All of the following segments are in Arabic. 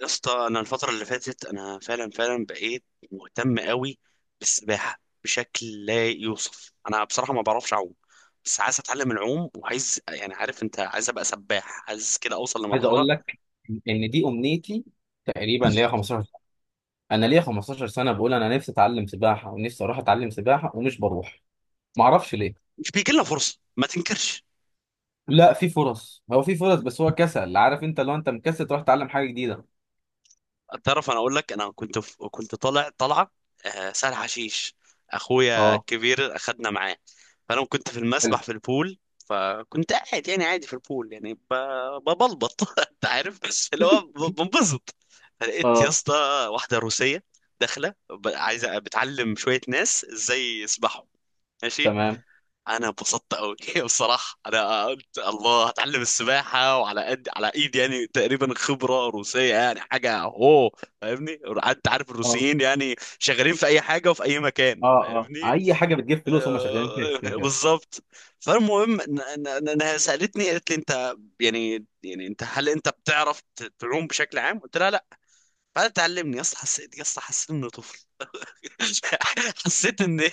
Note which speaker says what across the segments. Speaker 1: يا اسطى، انا الفتره اللي فاتت انا فعلا بقيت مهتم قوي بالسباحه بشكل لا يوصف. انا بصراحه ما بعرفش اعوم، بس عايز اتعلم العوم، وعايز، يعني عارف انت، عايز ابقى سباح، عايز كده اوصل
Speaker 2: عايز
Speaker 1: لمرحله.
Speaker 2: اقول لك ان دي امنيتي تقريبا ليا 15 سنه. انا ليا 15 سنه، بقول انا نفسي اتعلم سباحه ونفسي اروح اتعلم سباحه ومش بروح. ما اعرفش ليه.
Speaker 1: مش بيجي لنا فرصه ما تنكرش.
Speaker 2: لا، في فرص. هو في فرص، بس هو كسل. عارف انت لو انت مكسل تروح تتعلم حاجه جديده.
Speaker 1: تعرف انا اقول لك، انا كنت طالع، طالعه سهل حشيش. اخويا
Speaker 2: اه.
Speaker 1: الكبير اخدنا معاه. فانا كنت في
Speaker 2: حلو.
Speaker 1: المسبح، في البول. فكنت قاعد يعني عادي في البول، يعني ببلبط انت عارف، بس اللي هو بنبسط. فلقيت يا
Speaker 2: اه،
Speaker 1: اسطى واحده روسيه داخله عايزه بتعلم شويه ناس ازاي يسبحوا. ماشي.
Speaker 2: تمام.
Speaker 1: انا انبسطت قوي بصراحه انا قلت الله، هتعلم السباحه، وعلى قد على ايدي يعني، تقريبا خبره روسيه يعني حاجه. هو فاهمني. قعدت، عارف
Speaker 2: اه.
Speaker 1: الروسيين يعني شغالين في اي حاجه وفي اي مكان،
Speaker 2: اه. اه.
Speaker 1: فاهمني.
Speaker 2: اي حاجه بتجيب فلوس هم شغالين فيها
Speaker 1: آه
Speaker 2: كده كده.
Speaker 1: بالظبط. فالمهم انها سالتني، قالت لي انت يعني، انت هل انت بتعرف تعوم بشكل عام؟ قلت لها لا. فقالت تعلمني. يا اسطى حسيت، يا اسطى حسيت اني طفل. حسيت اني،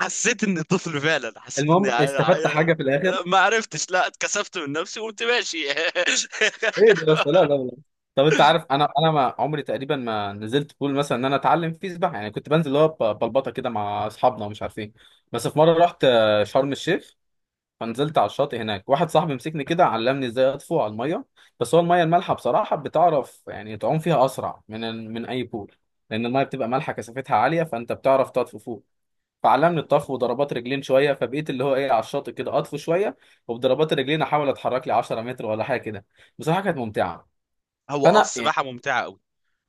Speaker 1: حسيت اني طفل فعلا. حسيت اني
Speaker 2: المهم استفدت حاجه في الاخر.
Speaker 1: ما عرفتش، لا، اتكسفت من نفسي وقمت ماشي.
Speaker 2: ايه ده بس؟ لا، لا، لا. طب انت عارف، انا ما عمري تقريبا ما نزلت بول مثلا ان انا اتعلم فيه سباحه. يعني كنت بنزل اللي هو بلبطه كده مع اصحابنا ومش عارف ايه. بس في مره رحت شرم الشيخ. فنزلت على الشاطئ هناك. واحد صاحبي مسكني كده، علمني ازاي اطفو على الميه. بس هو الميه المالحه بصراحه بتعرف يعني تعوم فيها اسرع من اي بول، لان الميه بتبقى مالحه، كثافتها عاليه فانت بتعرف تطفو فوق. فعلمني الطفو وضربات رجلين شويه. فبقيت اللي هو ايه على الشاطئ كده اطفو شويه، وبضربات الرجلين احاول اتحرك لي 10 متر ولا حاجه كده. بصراحه كانت ممتعه.
Speaker 1: هو اه،
Speaker 2: فانا يعني
Speaker 1: السباحه ممتعه قوي.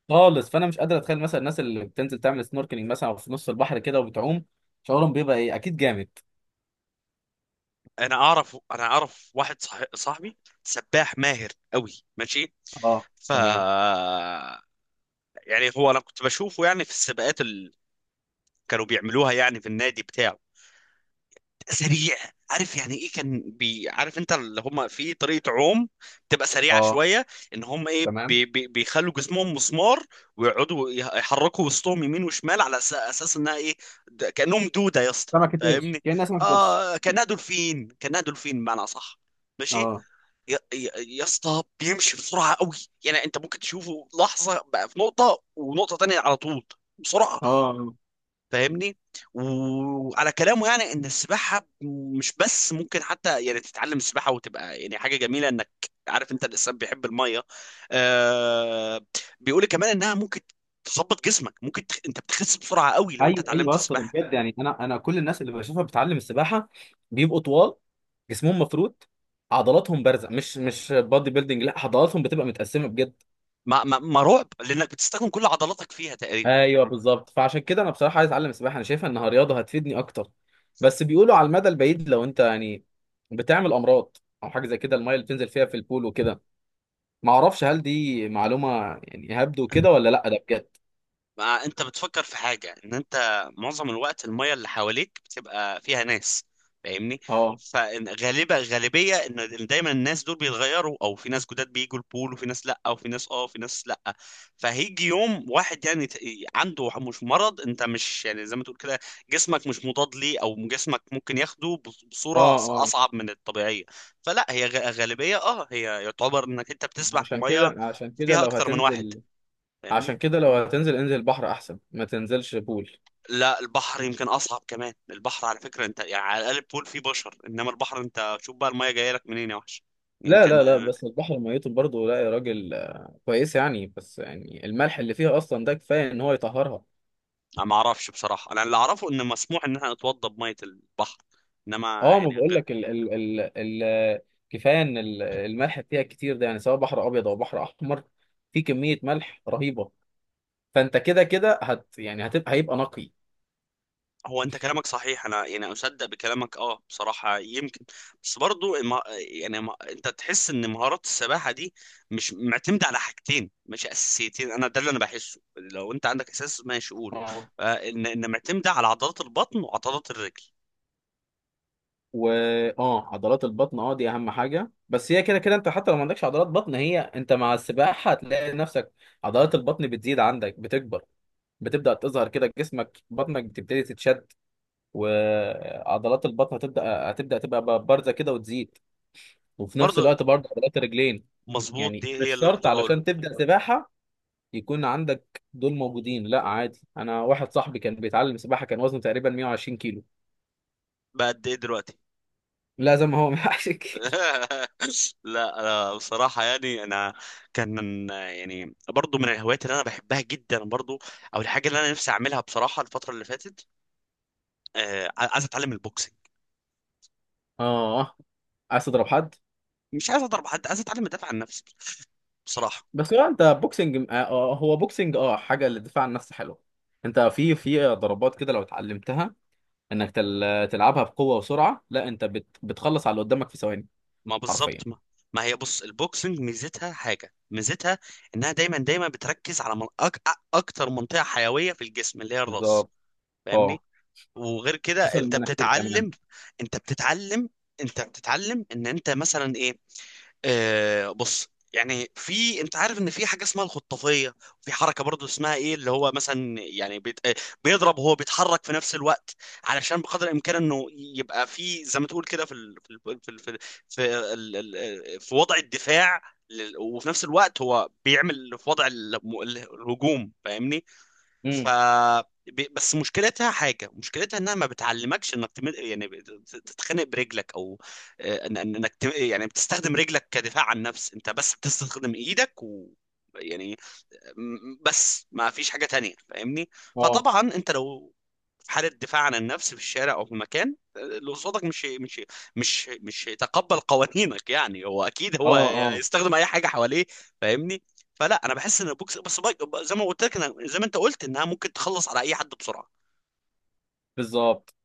Speaker 2: خالص، فانا مش قادر اتخيل مثلا الناس اللي بتنزل تعمل سنوركلينج مثلا او في نص البحر كده وبتعوم، شعورهم بيبقى ايه؟ اكيد جامد.
Speaker 1: انا اعرف، انا اعرف واحد صاحبي سباح ماهر قوي، ماشي.
Speaker 2: اه،
Speaker 1: ف
Speaker 2: تمام.
Speaker 1: يعني هو انا كنت بشوفه يعني في السباقات اللي كانوا بيعملوها يعني في النادي بتاعه، سريع. عارف يعني ايه؟ كان بي، عارف انت، اللي هم في طريقه عوم بتبقى سريعه
Speaker 2: اه،
Speaker 1: شويه، ان هم ايه
Speaker 2: تمام.
Speaker 1: بي بي بيخلوا جسمهم مسمار، ويقعدوا يحركوا وسطهم يمين وشمال على اساس انها ايه، كانهم دوده يا اسطى،
Speaker 2: سمكة قرش،
Speaker 1: فاهمني.
Speaker 2: كأنها سمكة قرش.
Speaker 1: اه كانها دولفين، كانها دولفين بمعنى صح، ماشي.
Speaker 2: اه.
Speaker 1: يا اسطى بيمشي بسرعه قوي، يعني انت ممكن تشوفه لحظه بقى في نقطه ونقطه تانية على طول، بسرعه،
Speaker 2: اه. آه.
Speaker 1: فاهمني. وعلى كلامه يعني، ان السباحه مش بس ممكن حتى يعني تتعلم السباحه وتبقى يعني حاجه جميله، انك عارف انت الانسان بيحب الميه. آه. بيقول لي كمان انها ممكن تظبط جسمك، ممكن انت بتخس بسرعه قوي لو انت
Speaker 2: ايوه، ايوه
Speaker 1: اتعلمت
Speaker 2: يا اسطى ده
Speaker 1: السباحه.
Speaker 2: بجد. يعني انا كل الناس اللي بشوفها بتتعلم السباحه بيبقوا طوال، جسمهم مفروض عضلاتهم بارزه. مش بادي بيلدينج، لا عضلاتهم بتبقى متقسمه بجد.
Speaker 1: ما رعب، لانك بتستخدم كل عضلاتك فيها تقريبا.
Speaker 2: ايوه، بالظبط. فعشان كده انا بصراحه عايز اتعلم السباحه. انا شايفها انها رياضه هتفيدني اكتر. بس بيقولوا على المدى البعيد لو انت يعني بتعمل امراض او حاجه زي كده، الميه اللي بتنزل فيها في البول وكده. ما اعرفش، هل دي معلومه يعني هبدو كده ولا لا؟ ده بجد.
Speaker 1: ما انت بتفكر في حاجة، ان انت معظم الوقت المية اللي حواليك بتبقى فيها ناس، فاهمني.
Speaker 2: اه.
Speaker 1: فغالبا غالبية ان دايما الناس دول بيتغيروا، او في ناس جداد بيجوا البول، وفي ناس لا، وفي ناس اه، وفي ناس لا. فهيجي يوم واحد يعني عنده مش مرض، انت مش يعني زي ما تقول كده جسمك مش مضاد ليه، او جسمك ممكن ياخده
Speaker 2: اه.
Speaker 1: بصورة
Speaker 2: اه.
Speaker 1: اصعب من الطبيعية. فلا هي غالبية اه، هي يعتبر انك انت بتسبح في
Speaker 2: عشان
Speaker 1: مية
Speaker 2: كده عشان كده
Speaker 1: فيها
Speaker 2: لو
Speaker 1: اكتر من واحد،
Speaker 2: هتنزل
Speaker 1: فاهمني.
Speaker 2: عشان كده لو هتنزل، انزل بحر احسن ما تنزلش بول.
Speaker 1: لا البحر يمكن اصعب كمان. البحر على فكره انت يعني، على الاقل البول فيه بشر، انما البحر انت شوف بقى الميه جايه لك منين يا وحش، يعني
Speaker 2: لا،
Speaker 1: يمكن
Speaker 2: لا، لا،
Speaker 1: ما.
Speaker 2: بس البحر ميته برضه. لا يا راجل، كويس يعني، بس يعني الملح اللي فيها اصلا ده كفايه ان هو يطهرها.
Speaker 1: أنا ما اعرفش بصراحه، انا اللي اعرفه ان مسموح ان احنا نتوضى بميه البحر، انما
Speaker 2: اه، ما
Speaker 1: يعني
Speaker 2: بقول
Speaker 1: غير.
Speaker 2: لك ال ال ال ال كفايه ان الملح فيها كتير. ده يعني سواء بحر ابيض او بحر احمر، في كميه ملح رهيبه. فانت كده كده يعني هيبقى نقي.
Speaker 1: هو انت كلامك صحيح، انا يعني اصدق بكلامك اه بصراحه، يمكن. بس برضو يعني انت تحس ان مهارات السباحه دي مش معتمده على حاجتين مش اساسيتين، انا ده اللي انا بحسه، لو انت عندك اساس ماشي قوله.
Speaker 2: اه.
Speaker 1: آه، ان معتمده على عضلات البطن وعضلات الرجل.
Speaker 2: و اه، عضلات البطن. اه، دي اهم حاجه. بس هي كده كده انت حتى لو ما عندكش عضلات بطن، هي انت مع السباحه هتلاقي نفسك عضلات البطن بتزيد عندك، بتكبر، بتبدا تظهر كده. جسمك، بطنك بتبتدي تتشد. وعضلات البطن هتبدا تبقى بارزه كده وتزيد. وفي نفس
Speaker 1: برضو
Speaker 2: الوقت برضه عضلات الرجلين.
Speaker 1: مظبوط،
Speaker 2: يعني
Speaker 1: دي
Speaker 2: مش
Speaker 1: هي اللي
Speaker 2: شرط
Speaker 1: كنت بقوله.
Speaker 2: علشان تبدأ سباحة يكون عندك دول موجودين. لا، عادي. انا واحد صاحبي كان بيتعلم سباحة، كان وزنه تقريبا 120 كيلو.
Speaker 1: بقد ايه دلوقتي؟
Speaker 2: لا، زي ما هو 120 كيلو.
Speaker 1: لا أنا بصراحة يعني أنا، كان من يعني برضو من الهوايات اللي أنا بحبها جدا برضو، أو الحاجة اللي أنا نفسي أعملها بصراحة الفترة اللي فاتت، آه، عايز أتعلم البوكسينج.
Speaker 2: اه، عايز تضرب حد؟
Speaker 1: مش عايز أضرب حد، عايز أتعلم أدافع عن نفسي بصراحة.
Speaker 2: بس هو انت بوكسنج، هو بوكسنج حاجة للدفاع عن النفس حلوة. انت في ضربات كده لو اتعلمتها انك تلعبها بقوة وسرعة، لا انت بتخلص على اللي قدامك في ثواني.
Speaker 1: ما
Speaker 2: حرفيا.
Speaker 1: بالظبط ما. ما هي بص، البوكسنج ميزتها حاجة، ميزتها انها دايما بتركز على من اكتر منطقة حيوية في الجسم، اللي هي الراس،
Speaker 2: بالظبط.
Speaker 1: فاهمني.
Speaker 2: اه،
Speaker 1: وغير كده
Speaker 2: خصوصا
Speaker 1: انت
Speaker 2: المناخير كمان.
Speaker 1: بتتعلم، انت بتتعلم انت بتتعلم ان انت مثلا ايه. آه بص، يعني في، انت عارف ان في حاجه اسمها الخطافيه. في حركه برضو اسمها ايه، اللي هو مثلا يعني بيت... آه، بيضرب وهو بيتحرك في نفس الوقت، علشان بقدر الامكان انه يبقى في زي ما تقول كده في ال... في ال... في ال... في, ال... في, ال... ال- آه، في وضع الدفاع وفي نفس الوقت هو بيعمل في وضع الهجوم، فاهمني. ف
Speaker 2: امم.
Speaker 1: بس مشكلتها حاجه، مشكلتها انها ما بتعلمكش انك يعني تتخانق برجلك، او آه، انك يعني بتستخدم رجلك كدفاع عن النفس، انت بس بتستخدم ايدك و، يعني بس ما فيش حاجه تانية، فاهمني.
Speaker 2: اه.
Speaker 1: فطبعا انت لو حالة دفاع عن النفس في الشارع أو في مكان، اللي قصادك مش هيتقبل قوانينك، يعني هو أكيد
Speaker 2: اه.
Speaker 1: هو
Speaker 2: اه.
Speaker 1: هيستخدم أي حاجة حواليه، فاهمني. فلا أنا بحس إن البوكس بس زي ما قلت لك، أنا زي ما أنت قلت إنها ممكن تخلص على أي حد بسرعة.
Speaker 2: بالظبط.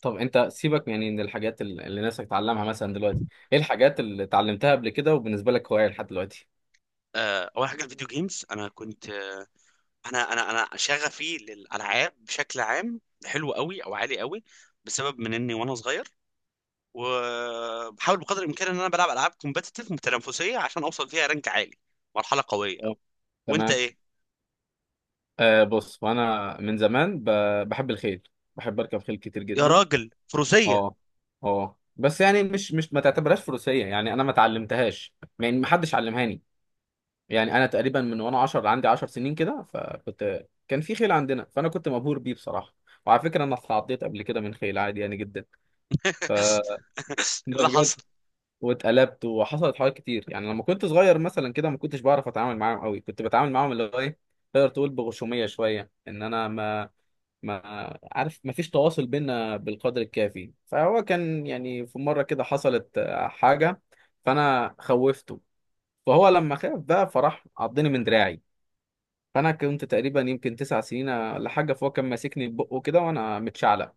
Speaker 2: طب انت سيبك، يعني من الحاجات اللي نفسك تتعلمها مثلا دلوقتي، ايه الحاجات اللي اتعلمتها قبل كده وبالنسبه لك هوايه لحد دلوقتي؟
Speaker 1: آه، أول حاجة الفيديو جيمز، أنا كنت، أنا شغفي للألعاب بشكل عام حلو قوي أو عالي قوي، بسبب من إني وأنا صغير. وبحاول بقدر الإمكان إن أنا بلعب ألعاب كومبتيتيف متنافسية عشان أوصل فيها رانك عالي، مرحلة قوية.
Speaker 2: اه،
Speaker 1: وانت
Speaker 2: تمام.
Speaker 1: ايه؟
Speaker 2: آه بص، وانا من زمان بحب الخيل. بحب اركب خيل كتير
Speaker 1: يا
Speaker 2: جدا.
Speaker 1: راجل فروسية!
Speaker 2: اه. اه. بس يعني مش ما تعتبرهاش فروسيه، يعني انا ما اتعلمتهاش. يعني ما حدش علمهاني. يعني انا تقريبا من وانا 10، عندي 10 سنين كده. فكنت كان في خيل عندنا، فانا كنت مبهور بيه بصراحه. وعلى فكره انا اتعضيت قبل كده من خيل عادي يعني جدا. ف
Speaker 1: ايه
Speaker 2: ده
Speaker 1: اللي
Speaker 2: بجد.
Speaker 1: حصل؟
Speaker 2: واتقلبت وحصلت حوارات كتير. يعني لما كنت صغير مثلا كده ما كنتش بعرف اتعامل معاهم قوي. كنت بتعامل معاهم اللي هو ايه، تقدر تقول بغشوميه شويه. ان انا ما عارف، ما فيش تواصل بينا بالقدر الكافي. فهو كان يعني في مره كده حصلت حاجه. فانا خوفته، فهو لما خاف بقى فراح عضني من دراعي. فانا كنت تقريبا يمكن 9 سنين ولا حاجه. فهو كان ماسكني ببقه كده وانا متشعلق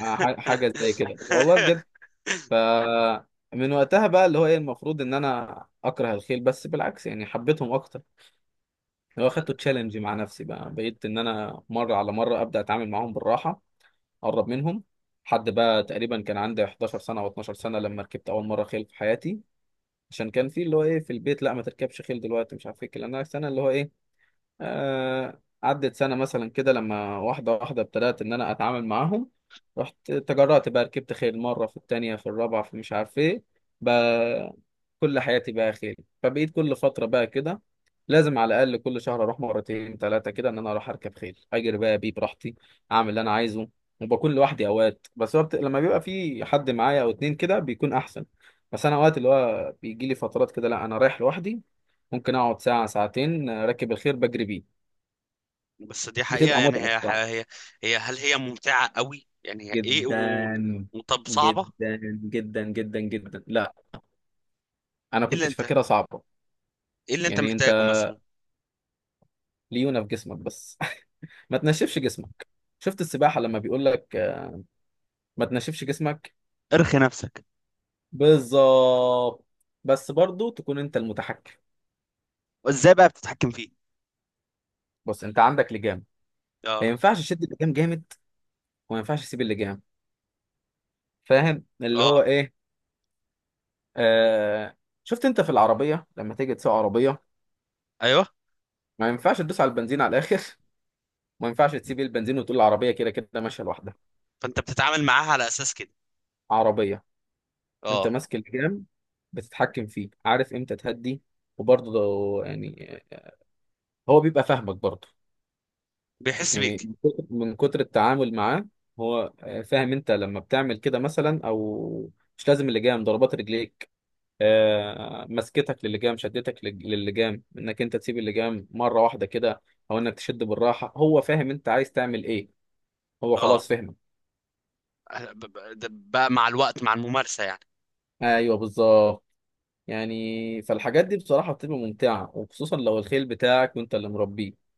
Speaker 2: حاجه زي كده، والله بجد. فمن وقتها بقى اللي هو ايه المفروض ان انا اكره الخيل، بس بالعكس يعني حبيتهم اكتر. اللي هو خدته تشالنج مع نفسي، بقى بقيت ان انا مره على مره ابدا اتعامل معاهم بالراحه، اقرب منهم. لحد بقى تقريبا كان عندي 11 سنه او 12 سنه لما ركبت اول مره خيل في حياتي. عشان كان في اللي هو ايه في البيت، لا ما تركبش خيل دلوقتي، مش عارف ايه الكلام ده. السنه اللي هو ايه، عدت سنة مثلا كده، لما واحدة واحدة ابتدأت إن أنا أتعامل معاهم. رحت تجرأت بقى ركبت خيل مرة، في التانية، في الرابعة، في مش عارف إيه. بقى كل حياتي بقى خيل. فبقيت كل فترة بقى كده لازم على الأقل كل شهر أروح مرتين ثلاثة كده، إن أنا أروح أركب خيل أجري بقى بيه براحتي، أعمل اللي أنا عايزه. وبكون لوحدي أوقات، بس وقت لما بيبقى في حد معايا أو اتنين كده بيكون أحسن. بس أنا أوقات اللي هو بيجي لي فترات كده لا أنا رايح لوحدي. ممكن أقعد ساعة ساعتين راكب الخيل بجري بيه.
Speaker 1: بس دي حقيقة،
Speaker 2: بتبقى
Speaker 1: يعني
Speaker 2: متعة بصراحة.
Speaker 1: هي هي، هل هي ممتعة قوي؟ يعني هي ايه
Speaker 2: جدا.
Speaker 1: و... وطب صعبة ايه؟
Speaker 2: جدا. جدا جدا جدا. لا، انا
Speaker 1: اللي
Speaker 2: كنت
Speaker 1: انت
Speaker 2: فاكرها صعبة.
Speaker 1: ايه اللي انت
Speaker 2: يعني انت
Speaker 1: محتاجه مثلا؟
Speaker 2: ليونة في جسمك بس. ما تنشفش جسمك. شفت السباحة لما بيقول لك ما تنشفش جسمك.
Speaker 1: ارخي نفسك.
Speaker 2: بالظبط. بس برضو تكون انت المتحكم.
Speaker 1: وازاي بقى بتتحكم فيه؟
Speaker 2: بص، انت عندك لجام.
Speaker 1: اه.
Speaker 2: ما ينفعش تشد اللجام جامد، وما ينفعش تسيب اللجام. فاهم اللي
Speaker 1: اه.
Speaker 2: هو ايه. آه... شفت انت في العربية لما تيجي تسوق عربية،
Speaker 1: ايوه.
Speaker 2: ما ينفعش تدوس على البنزين على الاخر. ما ينفعش تسيب البنزين وتقول العربية كده كده ماشية لوحدها.
Speaker 1: فانت بتتعامل معاها على اساس كده.
Speaker 2: عربية. انت
Speaker 1: اه.
Speaker 2: ماسك الجام، بتتحكم فيه، عارف امتى تهدي. وبرضه يعني هو بيبقى فاهمك برضه،
Speaker 1: بيحس
Speaker 2: يعني
Speaker 1: بيك.
Speaker 2: من كتر من كتر التعامل معاه هو فاهم انت لما بتعمل كده مثلا، او مش لازم اللجام، ضربات رجليك، مسكتك للجام، شدتك للجام، انك انت تسيب اللجام مرة واحدة كده او انك تشد بالراحة، هو فاهم انت عايز تعمل ايه. هو
Speaker 1: اه.
Speaker 2: خلاص فهمك.
Speaker 1: ده بقى مع الوقت مع الممارسة يعني.
Speaker 2: ايوه، بالظبط. يعني فالحاجات دي بصراحة بتبقى ممتعة، وخصوصا لو الخيل بتاعك وانت اللي مربيه